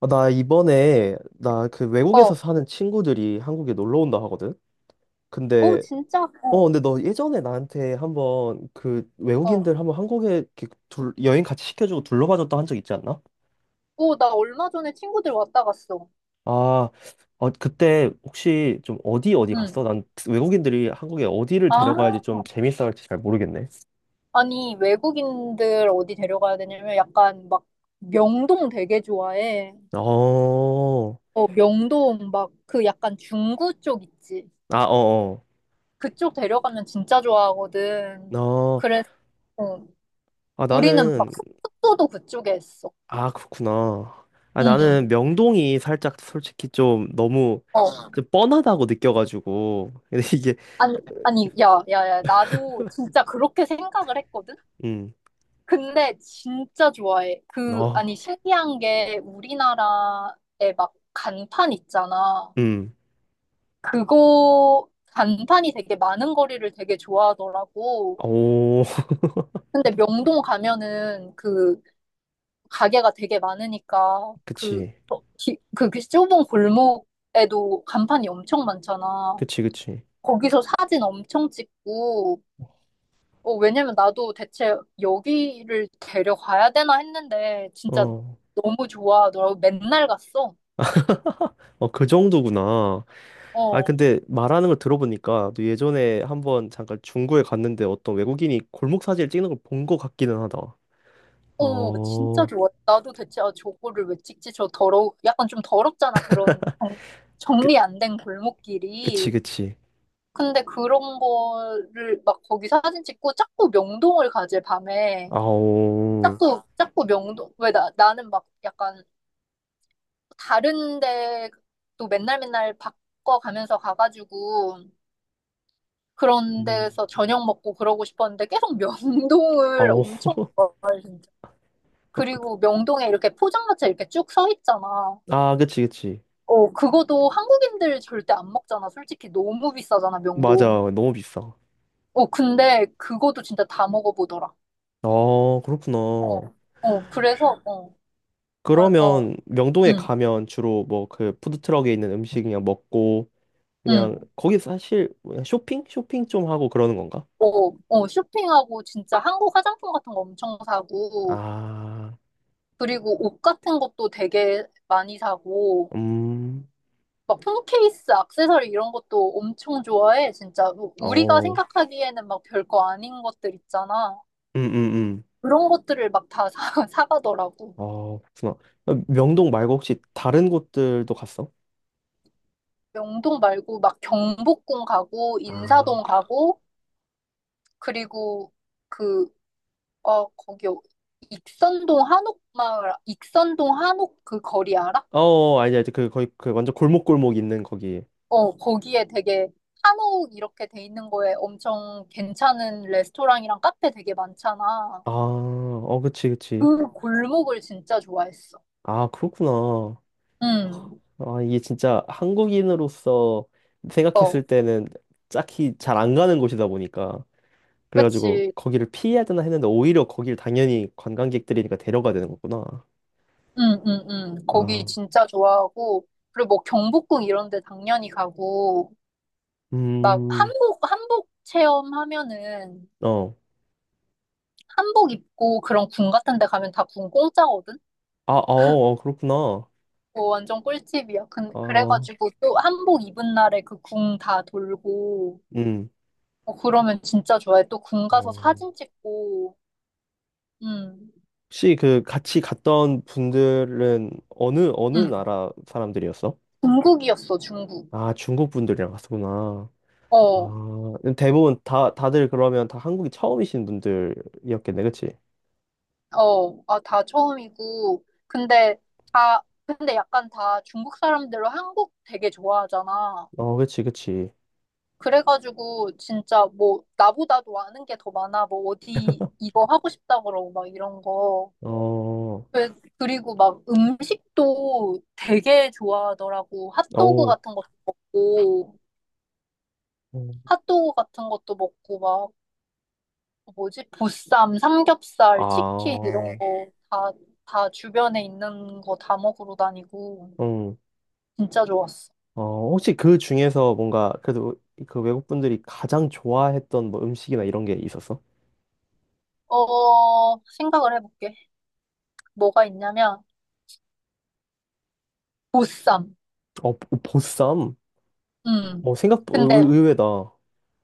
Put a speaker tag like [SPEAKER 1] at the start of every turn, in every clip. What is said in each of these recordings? [SPEAKER 1] 아, 나 이번에 나 그 외국에서
[SPEAKER 2] 어,
[SPEAKER 1] 사는 친구들이 한국에 놀러 온다 하거든.
[SPEAKER 2] 오,
[SPEAKER 1] 근데
[SPEAKER 2] 진짜?
[SPEAKER 1] 어
[SPEAKER 2] 어,
[SPEAKER 1] 근데 너 예전에 나한테 한번 그
[SPEAKER 2] 어.
[SPEAKER 1] 외국인들 한번 한국에 이렇게 여행 같이 시켜주고 둘러봐줬다 한 적 있지 않나?
[SPEAKER 2] 오, 나 얼마 전에 친구들 왔다 갔어.
[SPEAKER 1] 아, 어, 그때 혹시 좀 어디 어디 갔어?
[SPEAKER 2] 응.
[SPEAKER 1] 난 외국인들이 한국에 어디를
[SPEAKER 2] 아,
[SPEAKER 1] 데려가야지 좀 재밌어 할지 잘 모르겠네.
[SPEAKER 2] 아니, 외국인들 어디 데려가야 되냐면 약간 막 명동 되게 좋아해.
[SPEAKER 1] 어.
[SPEAKER 2] 어, 명동 막 그 약간 중구 쪽 있지.
[SPEAKER 1] 아, 어,
[SPEAKER 2] 그쪽 데려가면 진짜
[SPEAKER 1] 어.
[SPEAKER 2] 좋아하거든.
[SPEAKER 1] 어.
[SPEAKER 2] 그래서 어,
[SPEAKER 1] 아,
[SPEAKER 2] 우리는 막
[SPEAKER 1] 나는.
[SPEAKER 2] 숙소도 그쪽에 했어.
[SPEAKER 1] 아, 그렇구나. 아, 나는
[SPEAKER 2] 응.
[SPEAKER 1] 명동이 살짝 솔직히 좀 너무
[SPEAKER 2] 어,
[SPEAKER 1] 좀 뻔하다고 느껴가지고. 근데 이게,
[SPEAKER 2] 아니, 아니, 야, 야, 야, 나도 진짜 그렇게 생각을 했거든.
[SPEAKER 1] 음,
[SPEAKER 2] 근데 진짜 좋아해. 그, 아니,
[SPEAKER 1] 어,
[SPEAKER 2] 신기한 게 우리나라에 막 간판 있잖아.
[SPEAKER 1] 음,
[SPEAKER 2] 그거, 간판이 되게 많은 거리를 되게 좋아하더라고.
[SPEAKER 1] 오,
[SPEAKER 2] 근데 명동 가면은 그 가게가 되게 많으니까
[SPEAKER 1] 그치.
[SPEAKER 2] 그 좁은 골목에도 간판이 엄청 많잖아.
[SPEAKER 1] 그치, 그치.
[SPEAKER 2] 거기서 사진 엄청 찍고, 어, 왜냐면 나도 대체 여기를 데려가야 되나 했는데 진짜
[SPEAKER 1] 어,
[SPEAKER 2] 너무 좋아하더라고. 맨날 갔어.
[SPEAKER 1] 어, 그 정도구나. 아,
[SPEAKER 2] 어,
[SPEAKER 1] 근데 말하는 걸 들어보니까 너 예전에 한번 잠깐 중구에 갔는데 어떤 외국인이 골목 사진을 찍는 걸 본 것 같기는 하다.
[SPEAKER 2] 어, 진짜
[SPEAKER 1] 어,
[SPEAKER 2] 좋아. 나도 대체 아, 저거를 왜 찍지? 저 더러워. 약간 좀 더럽잖아. 그런
[SPEAKER 1] 그,
[SPEAKER 2] 정리 안 된
[SPEAKER 1] 그치,
[SPEAKER 2] 골목길이.
[SPEAKER 1] 그치.
[SPEAKER 2] 근데 그런 거를 막 거기 사진 찍고 자꾸 명동을 가지, 밤에.
[SPEAKER 1] 아오,
[SPEAKER 2] 자꾸, 자꾸 명동. 왜 나는 막 약간 다른 데또 맨날 맨날 바꿔가면서 가가지고 그런
[SPEAKER 1] 음,
[SPEAKER 2] 데서 저녁 먹고 그러고 싶었는데 계속 명동을
[SPEAKER 1] 아오.
[SPEAKER 2] 엄청 걸어, 진짜.
[SPEAKER 1] 어, 그,
[SPEAKER 2] 그리고 명동에 이렇게 포장마차 이렇게 쭉 서 있잖아.
[SPEAKER 1] 아, 그치, 그치.
[SPEAKER 2] 어, 그거도 한국인들 절대 안 먹잖아. 솔직히 너무 비싸잖아, 명동.
[SPEAKER 1] 맞아. 너무 비싸.
[SPEAKER 2] 어, 근데 그거도 진짜 다 먹어보더라.
[SPEAKER 1] 아, 그렇구나.
[SPEAKER 2] 어, 어, 그래서, 어, 어, 어,
[SPEAKER 1] 그러면 명동에
[SPEAKER 2] 응,
[SPEAKER 1] 가면 주로 뭐 그 푸드트럭에 있는 음식 그냥 먹고 그냥
[SPEAKER 2] 응.
[SPEAKER 1] 거기 사실 뭐냐, 쇼핑? 쇼핑 좀 하고 그러는 건가?
[SPEAKER 2] 어, 어, 쇼핑하고 진짜 한국 화장품 같은 거 엄청 사고,
[SPEAKER 1] 아,
[SPEAKER 2] 그리고 옷 같은 것도 되게 많이 사고,
[SPEAKER 1] 음,
[SPEAKER 2] 막 폰 케이스, 액세서리 이런 것도 엄청 좋아해. 진짜 우리가
[SPEAKER 1] 어,
[SPEAKER 2] 생각하기에는 막 별거 아닌 것들 있잖아.
[SPEAKER 1] 음, 음.
[SPEAKER 2] 그런 것들을 막 다 사, 사가더라고.
[SPEAKER 1] 어, 그렇구나. 어, 명동 말고 혹시 다른 곳들도 갔어?
[SPEAKER 2] 명동 말고 막 경복궁 가고
[SPEAKER 1] 아,
[SPEAKER 2] 인사동 가고 그리고 그, 어, 익선동 한옥마을, 익선동 한옥 그 거리 알아?
[SPEAKER 1] 어, 아니, 아니, 그 거의 그 완전 골목골목 있는 거기.
[SPEAKER 2] 어, 거기에 되게 한옥 이렇게 돼 있는 거에 엄청 괜찮은 레스토랑이랑 카페 되게 많잖아.
[SPEAKER 1] 아, 어, 그치, 그치.
[SPEAKER 2] 그 골목을 진짜 좋아했어.
[SPEAKER 1] 아, 그렇구나.
[SPEAKER 2] 응,
[SPEAKER 1] 아, 이게 진짜 한국인으로서
[SPEAKER 2] 어,
[SPEAKER 1] 생각했을 때는 딱히 잘 안 가는 곳이다 보니까 그래가지고
[SPEAKER 2] 그치.
[SPEAKER 1] 거기를 피해야 되나 했는데 오히려 거길 당연히 관광객들이니까 데려가야 되는 거구나.
[SPEAKER 2] 응, 응, 응. 거기
[SPEAKER 1] 아,
[SPEAKER 2] 진짜 좋아하고, 그리고 뭐 경복궁 이런 데 당연히 가고, 막
[SPEAKER 1] 음,
[SPEAKER 2] 한복 체험하면은,
[SPEAKER 1] 어,
[SPEAKER 2] 한복 입고 그런 궁 같은 데 가면 다 궁 공짜거든?
[SPEAKER 1] 아, 어, 어, 그렇구나.
[SPEAKER 2] 어, 완전 꿀팁이야. 근
[SPEAKER 1] 아,
[SPEAKER 2] 그래가지고 또 한복 입은 날에 그 궁 다 돌고,
[SPEAKER 1] 음,
[SPEAKER 2] 어, 그러면 진짜 좋아해. 또 궁 가서
[SPEAKER 1] 어.
[SPEAKER 2] 사진 찍고, 응,
[SPEAKER 1] 혹시 그 같이 갔던 분들은 어느 어느
[SPEAKER 2] 응.
[SPEAKER 1] 나라 사람들이었어?
[SPEAKER 2] 중국이었어, 중국.
[SPEAKER 1] 아, 중국 분들이랑 갔었구나.
[SPEAKER 2] 어.
[SPEAKER 1] 아, 대부분 다 다들 그러면 다 한국이 처음이신 분들이었겠네, 그치?
[SPEAKER 2] 어, 아, 다 처음이고. 근데 근데 약간 다 중국 사람들로 한국 되게 좋아하잖아.
[SPEAKER 1] 어, 그치, 그치.
[SPEAKER 2] 그래가지고 진짜 뭐 나보다도 아는 게 더 많아. 뭐 어디 이거 하고 싶다 그러고 막 이런 거.
[SPEAKER 1] 어,
[SPEAKER 2] 그리고 막 음식도 되게 좋아하더라고. 핫도그
[SPEAKER 1] 어우,
[SPEAKER 2] 같은 것도 먹고,
[SPEAKER 1] 음,
[SPEAKER 2] 핫도그 같은 것도 먹고 막 뭐지? 보쌈, 삼겹살, 치킨 이런
[SPEAKER 1] 아,
[SPEAKER 2] 거 다 주변에 있는 거 다 먹으러 다니고.
[SPEAKER 1] 음,
[SPEAKER 2] 진짜 좋았어.
[SPEAKER 1] 어. 혹시 그 중에서 뭔가 그래도 그 외국 분들이 가장 좋아했던 뭐 음식이나 이런 게 있었어?
[SPEAKER 2] 어, 생각을 해볼게. 뭐가 있냐면, 보쌈.
[SPEAKER 1] 어, 보쌈? 어,
[SPEAKER 2] 음.
[SPEAKER 1] 생각
[SPEAKER 2] 근데
[SPEAKER 1] 의외다.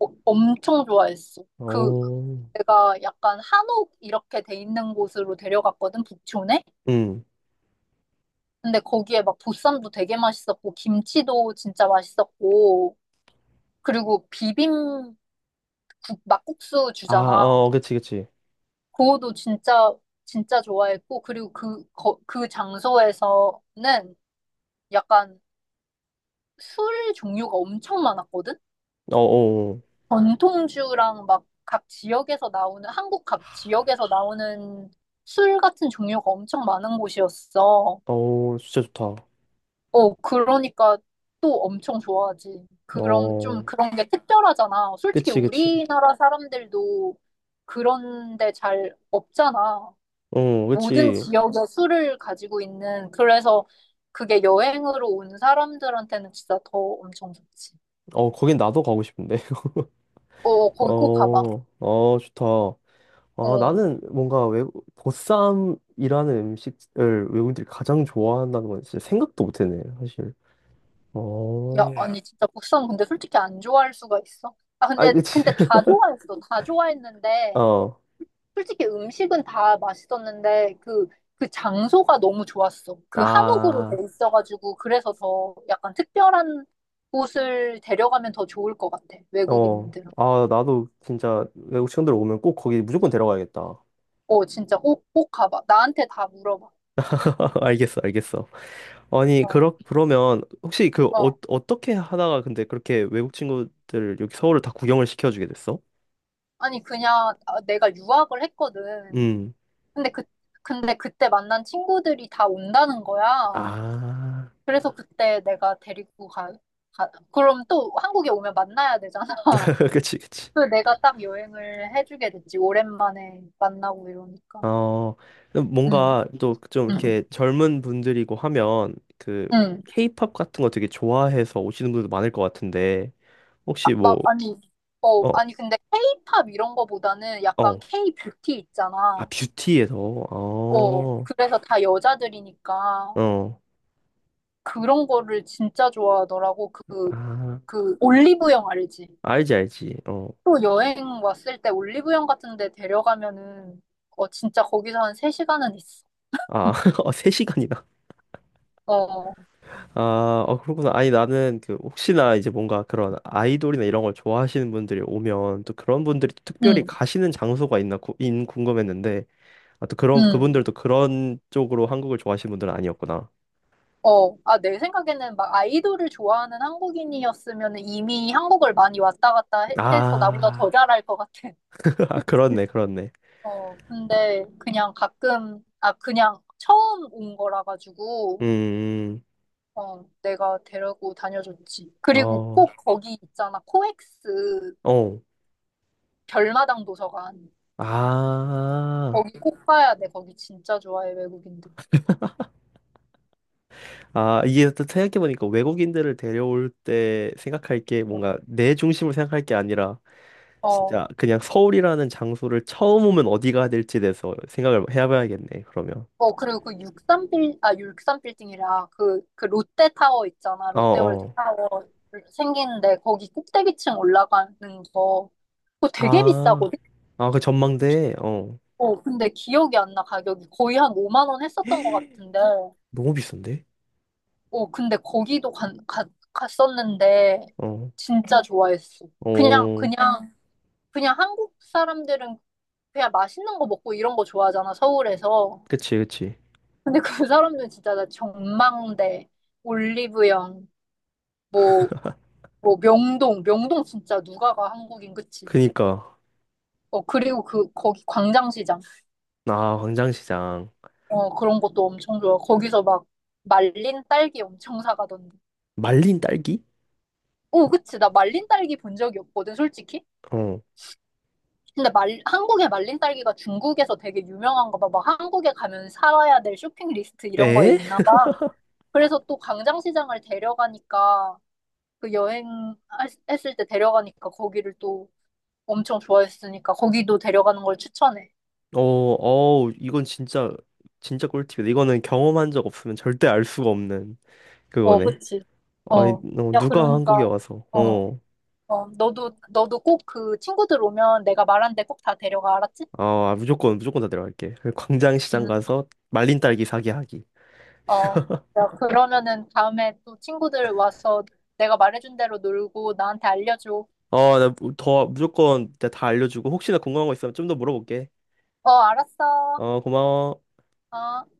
[SPEAKER 2] 엄청 좋아했어. 그,
[SPEAKER 1] 어,
[SPEAKER 2] 내가 약간 한옥 이렇게 돼 있는 곳으로 데려갔거든, 북촌에.
[SPEAKER 1] 음,
[SPEAKER 2] 근데 거기에 막 보쌈도 되게 맛있었고, 김치도 진짜 맛있었고, 그리고 막국수
[SPEAKER 1] 아,
[SPEAKER 2] 주잖아.
[SPEAKER 1] 어, 그치, 그치.
[SPEAKER 2] 그거도 진짜, 진짜 좋아했고, 그리고 그 장소에서는 약간 술 종류가 엄청 많았거든?
[SPEAKER 1] 어, 어,
[SPEAKER 2] 전통주랑 막 한국 각 지역에서 나오는 술 같은 종류가 엄청 많은 곳이었어.
[SPEAKER 1] 어, 어, 진짜 좋다.
[SPEAKER 2] 어, 그러니까 또 엄청 좋아하지. 그런, 좀
[SPEAKER 1] 어,
[SPEAKER 2] 그런 게 특별하잖아. 솔직히
[SPEAKER 1] 그치, 그치.
[SPEAKER 2] 우리나라 사람들도 그런 데 잘 없잖아.
[SPEAKER 1] 어,
[SPEAKER 2] 모든
[SPEAKER 1] 그치.
[SPEAKER 2] 지역에 술을 가지고 있는. 그래서 그게 여행으로 온 사람들한테는 진짜 더 엄청 좋지.
[SPEAKER 1] 어, 거긴 나도 가고 싶은데.
[SPEAKER 2] 어, 거기 꼭 가봐.
[SPEAKER 1] 어, 어, 좋다. 아,
[SPEAKER 2] 어.
[SPEAKER 1] 나는 뭔가 외 보쌈이라는 음식을 외국인들이 가장 좋아한다는 건 진짜 생각도 못했네, 사실.
[SPEAKER 2] 야,
[SPEAKER 1] 어.
[SPEAKER 2] 아니, 진짜 보쌈 근데 솔직히 안 좋아할 수가 있어? 아,
[SPEAKER 1] 아,
[SPEAKER 2] 근데,
[SPEAKER 1] 그치.
[SPEAKER 2] 근데 다 좋아했어. 다 좋아했는데,
[SPEAKER 1] 어.
[SPEAKER 2] 솔직히 음식은 다 맛있었는데, 그 장소가 너무 좋았어. 그 한옥으로 돼
[SPEAKER 1] 아.
[SPEAKER 2] 있어가지고, 그래서 더 약간 특별한 곳을 데려가면 더 좋을 것 같아.
[SPEAKER 1] 어.
[SPEAKER 2] 외국인들은.
[SPEAKER 1] 아, 나도 진짜 외국 친구들 오면 꼭 거기 무조건 데려가야겠다.
[SPEAKER 2] 어, 진짜 꼭, 꼭 가봐. 나한테 다 물어봐.
[SPEAKER 1] 알겠어, 알겠어. 아니,
[SPEAKER 2] 어,
[SPEAKER 1] 그러면 혹시 그 어,
[SPEAKER 2] 어.
[SPEAKER 1] 어떻게 하다가 근데 그렇게 외국 친구들 여기 서울을 다 구경을 시켜주게 됐어?
[SPEAKER 2] 아니, 그냥 아, 내가 유학을 했거든.
[SPEAKER 1] 음.
[SPEAKER 2] 근데 그, 근데 그때 만난 친구들이 다 온다는 거야.
[SPEAKER 1] 아.
[SPEAKER 2] 그래서 그때 내가 데리고 가, 그럼 또 한국에 오면 만나야 되잖아.
[SPEAKER 1] 그치, 그치.
[SPEAKER 2] 그래서 내가 딱 여행을 해주게 됐지. 오랜만에 만나고 이러니까.
[SPEAKER 1] 어, 그럼
[SPEAKER 2] 응,
[SPEAKER 1] 뭔가 또 좀
[SPEAKER 2] 응,
[SPEAKER 1] 이렇게 젊은 분들이고 하면 그
[SPEAKER 2] 응.
[SPEAKER 1] 케이팝 같은 거 되게 좋아해서 오시는 분들도 많을 것 같은데
[SPEAKER 2] 아,
[SPEAKER 1] 혹시 뭐,
[SPEAKER 2] 막, 아니, 어,
[SPEAKER 1] 어,
[SPEAKER 2] 아니, 근데 케이팝 이런 거보다는 약간
[SPEAKER 1] 어,
[SPEAKER 2] K-뷰티
[SPEAKER 1] 아,
[SPEAKER 2] 있잖아.
[SPEAKER 1] 뷰티에서,
[SPEAKER 2] 어,
[SPEAKER 1] 어,
[SPEAKER 2] 그래서 다 여자들이니까
[SPEAKER 1] 어,
[SPEAKER 2] 그런 거를 진짜 좋아하더라고.
[SPEAKER 1] 아,
[SPEAKER 2] 올리브영 알지?
[SPEAKER 1] 알지, 알지, 어.
[SPEAKER 2] 또 여행 왔을 때 올리브영 같은 데 데려가면은, 어, 진짜 거기서 한 세시간은 있어.
[SPEAKER 1] 아, 어, 3시간이나.
[SPEAKER 2] 어,
[SPEAKER 1] 아, 어, 그렇구나. 아니, 나는 그 혹시나 이제 뭔가 그런 아이돌이나 이런 걸 좋아하시는 분들이 오면 또 그런 분들이 또 특별히
[SPEAKER 2] 응,
[SPEAKER 1] 가시는 장소가 있나 구, 인 궁금했는데 아, 또 그런,
[SPEAKER 2] 응.
[SPEAKER 1] 그분들도 그런 쪽으로 한국을 좋아하시는 분들은 아니었구나.
[SPEAKER 2] 어. 아, 내 생각에는 막 아이돌을 좋아하는 한국인이었으면 이미 한국을 많이 왔다 갔다 해서 나보다
[SPEAKER 1] 아,
[SPEAKER 2] 더 잘할 것 같아.
[SPEAKER 1] 아,
[SPEAKER 2] 그치?
[SPEAKER 1] 그렇네, 그렇네.
[SPEAKER 2] 어, 근데 그냥 가끔, 아, 그냥 처음 온 거라 가지고,
[SPEAKER 1] 음,
[SPEAKER 2] 어, 내가 데리고 다녀줬지. 그리고
[SPEAKER 1] 어,
[SPEAKER 2] 꼭 거기 있잖아. 코엑스
[SPEAKER 1] 어.
[SPEAKER 2] 별마당 도서관.
[SPEAKER 1] 아,
[SPEAKER 2] 거기 꼭 가야 돼. 거기 진짜 좋아해, 외국인들.
[SPEAKER 1] 아, 이게 또 생각해보니까 외국인들을 데려올 때 생각할 게 뭔가 내 중심을 생각할 게 아니라
[SPEAKER 2] 어,
[SPEAKER 1] 진짜 그냥 서울이라는 장소를 처음 오면 어디 가야 될지에 대해서 생각을 해봐야겠네, 그러면.
[SPEAKER 2] 어, 그리고 그 육삼빌딩이라 그 롯데타워 있잖아.
[SPEAKER 1] 어,
[SPEAKER 2] 롯데월드
[SPEAKER 1] 어.
[SPEAKER 2] 타워 생기는데 거기 꼭대기층 올라가는 거. 그거 되게
[SPEAKER 1] 아,
[SPEAKER 2] 비싸거든?
[SPEAKER 1] 아, 그 전망대, 어.
[SPEAKER 2] 어, 근데 기억이 안 나, 가격이. 거의 한 5만 원 했었던 것 같은데.
[SPEAKER 1] 너무 비싼데?
[SPEAKER 2] 어, 근데 거기도 갔었는데
[SPEAKER 1] 어,
[SPEAKER 2] 진짜 좋아했어. 그냥,
[SPEAKER 1] 어.
[SPEAKER 2] 그냥, 그냥 한국 사람들은 그냥 맛있는 거 먹고 이런 거 좋아하잖아, 서울에서.
[SPEAKER 1] 그치, 그치.
[SPEAKER 2] 근데 그 사람들은 진짜 나 전망대. 올리브영, 뭐, 뭐 명동, 명동 진짜 누가 가 한국인 그치?
[SPEAKER 1] 그니까
[SPEAKER 2] 어 그리고 그 거기 광장시장
[SPEAKER 1] 아 광장시장
[SPEAKER 2] 어 그런 것도 엄청 좋아. 거기서 막 말린 딸기 엄청 사가던데.
[SPEAKER 1] 말린 딸기?
[SPEAKER 2] 오 그치 나 말린 딸기 본 적이 없거든 솔직히.
[SPEAKER 1] 어.
[SPEAKER 2] 근데 말 한국의 말린 딸기가 중국에서 되게 유명한가 봐. 막 한국에 가면 살아야 될 쇼핑 리스트 이런 거에
[SPEAKER 1] 에?
[SPEAKER 2] 있나 봐. 그래서 또 광장시장을 데려가니까 그 여행했을 때 데려가니까 거기를 또 엄청 좋아했으니까 거기도 데려가는 걸 추천해.
[SPEAKER 1] 어, 어, 이건 진짜 진짜 꿀팁이다. 이거는 경험한 적 없으면 절대 알 수가 없는
[SPEAKER 2] 어,
[SPEAKER 1] 그거네.
[SPEAKER 2] 그치.
[SPEAKER 1] 아니,
[SPEAKER 2] 어.
[SPEAKER 1] 어,
[SPEAKER 2] 야,
[SPEAKER 1] 누가 한국에
[SPEAKER 2] 그러니까,
[SPEAKER 1] 와서
[SPEAKER 2] 어,
[SPEAKER 1] 어.
[SPEAKER 2] 어, 너도 꼭 그 친구들 오면 내가 말한 데 꼭 다 데려가, 알았지?
[SPEAKER 1] 아, 아, 무조건 무조건 다 데려갈게. 광장시장
[SPEAKER 2] 응,
[SPEAKER 1] 가서 말린 딸기 사기 하기.
[SPEAKER 2] 어. 야, 그러면은 다음에 또 친구들 와서 내가 말해준 대로 놀고 나한테 알려줘.
[SPEAKER 1] 어, 나 더 무조건 내가 다 알려주고 혹시나 궁금한 거 있으면 좀 더 물어볼게.
[SPEAKER 2] 어, 알았어.
[SPEAKER 1] 어, 고마워.
[SPEAKER 2] 어.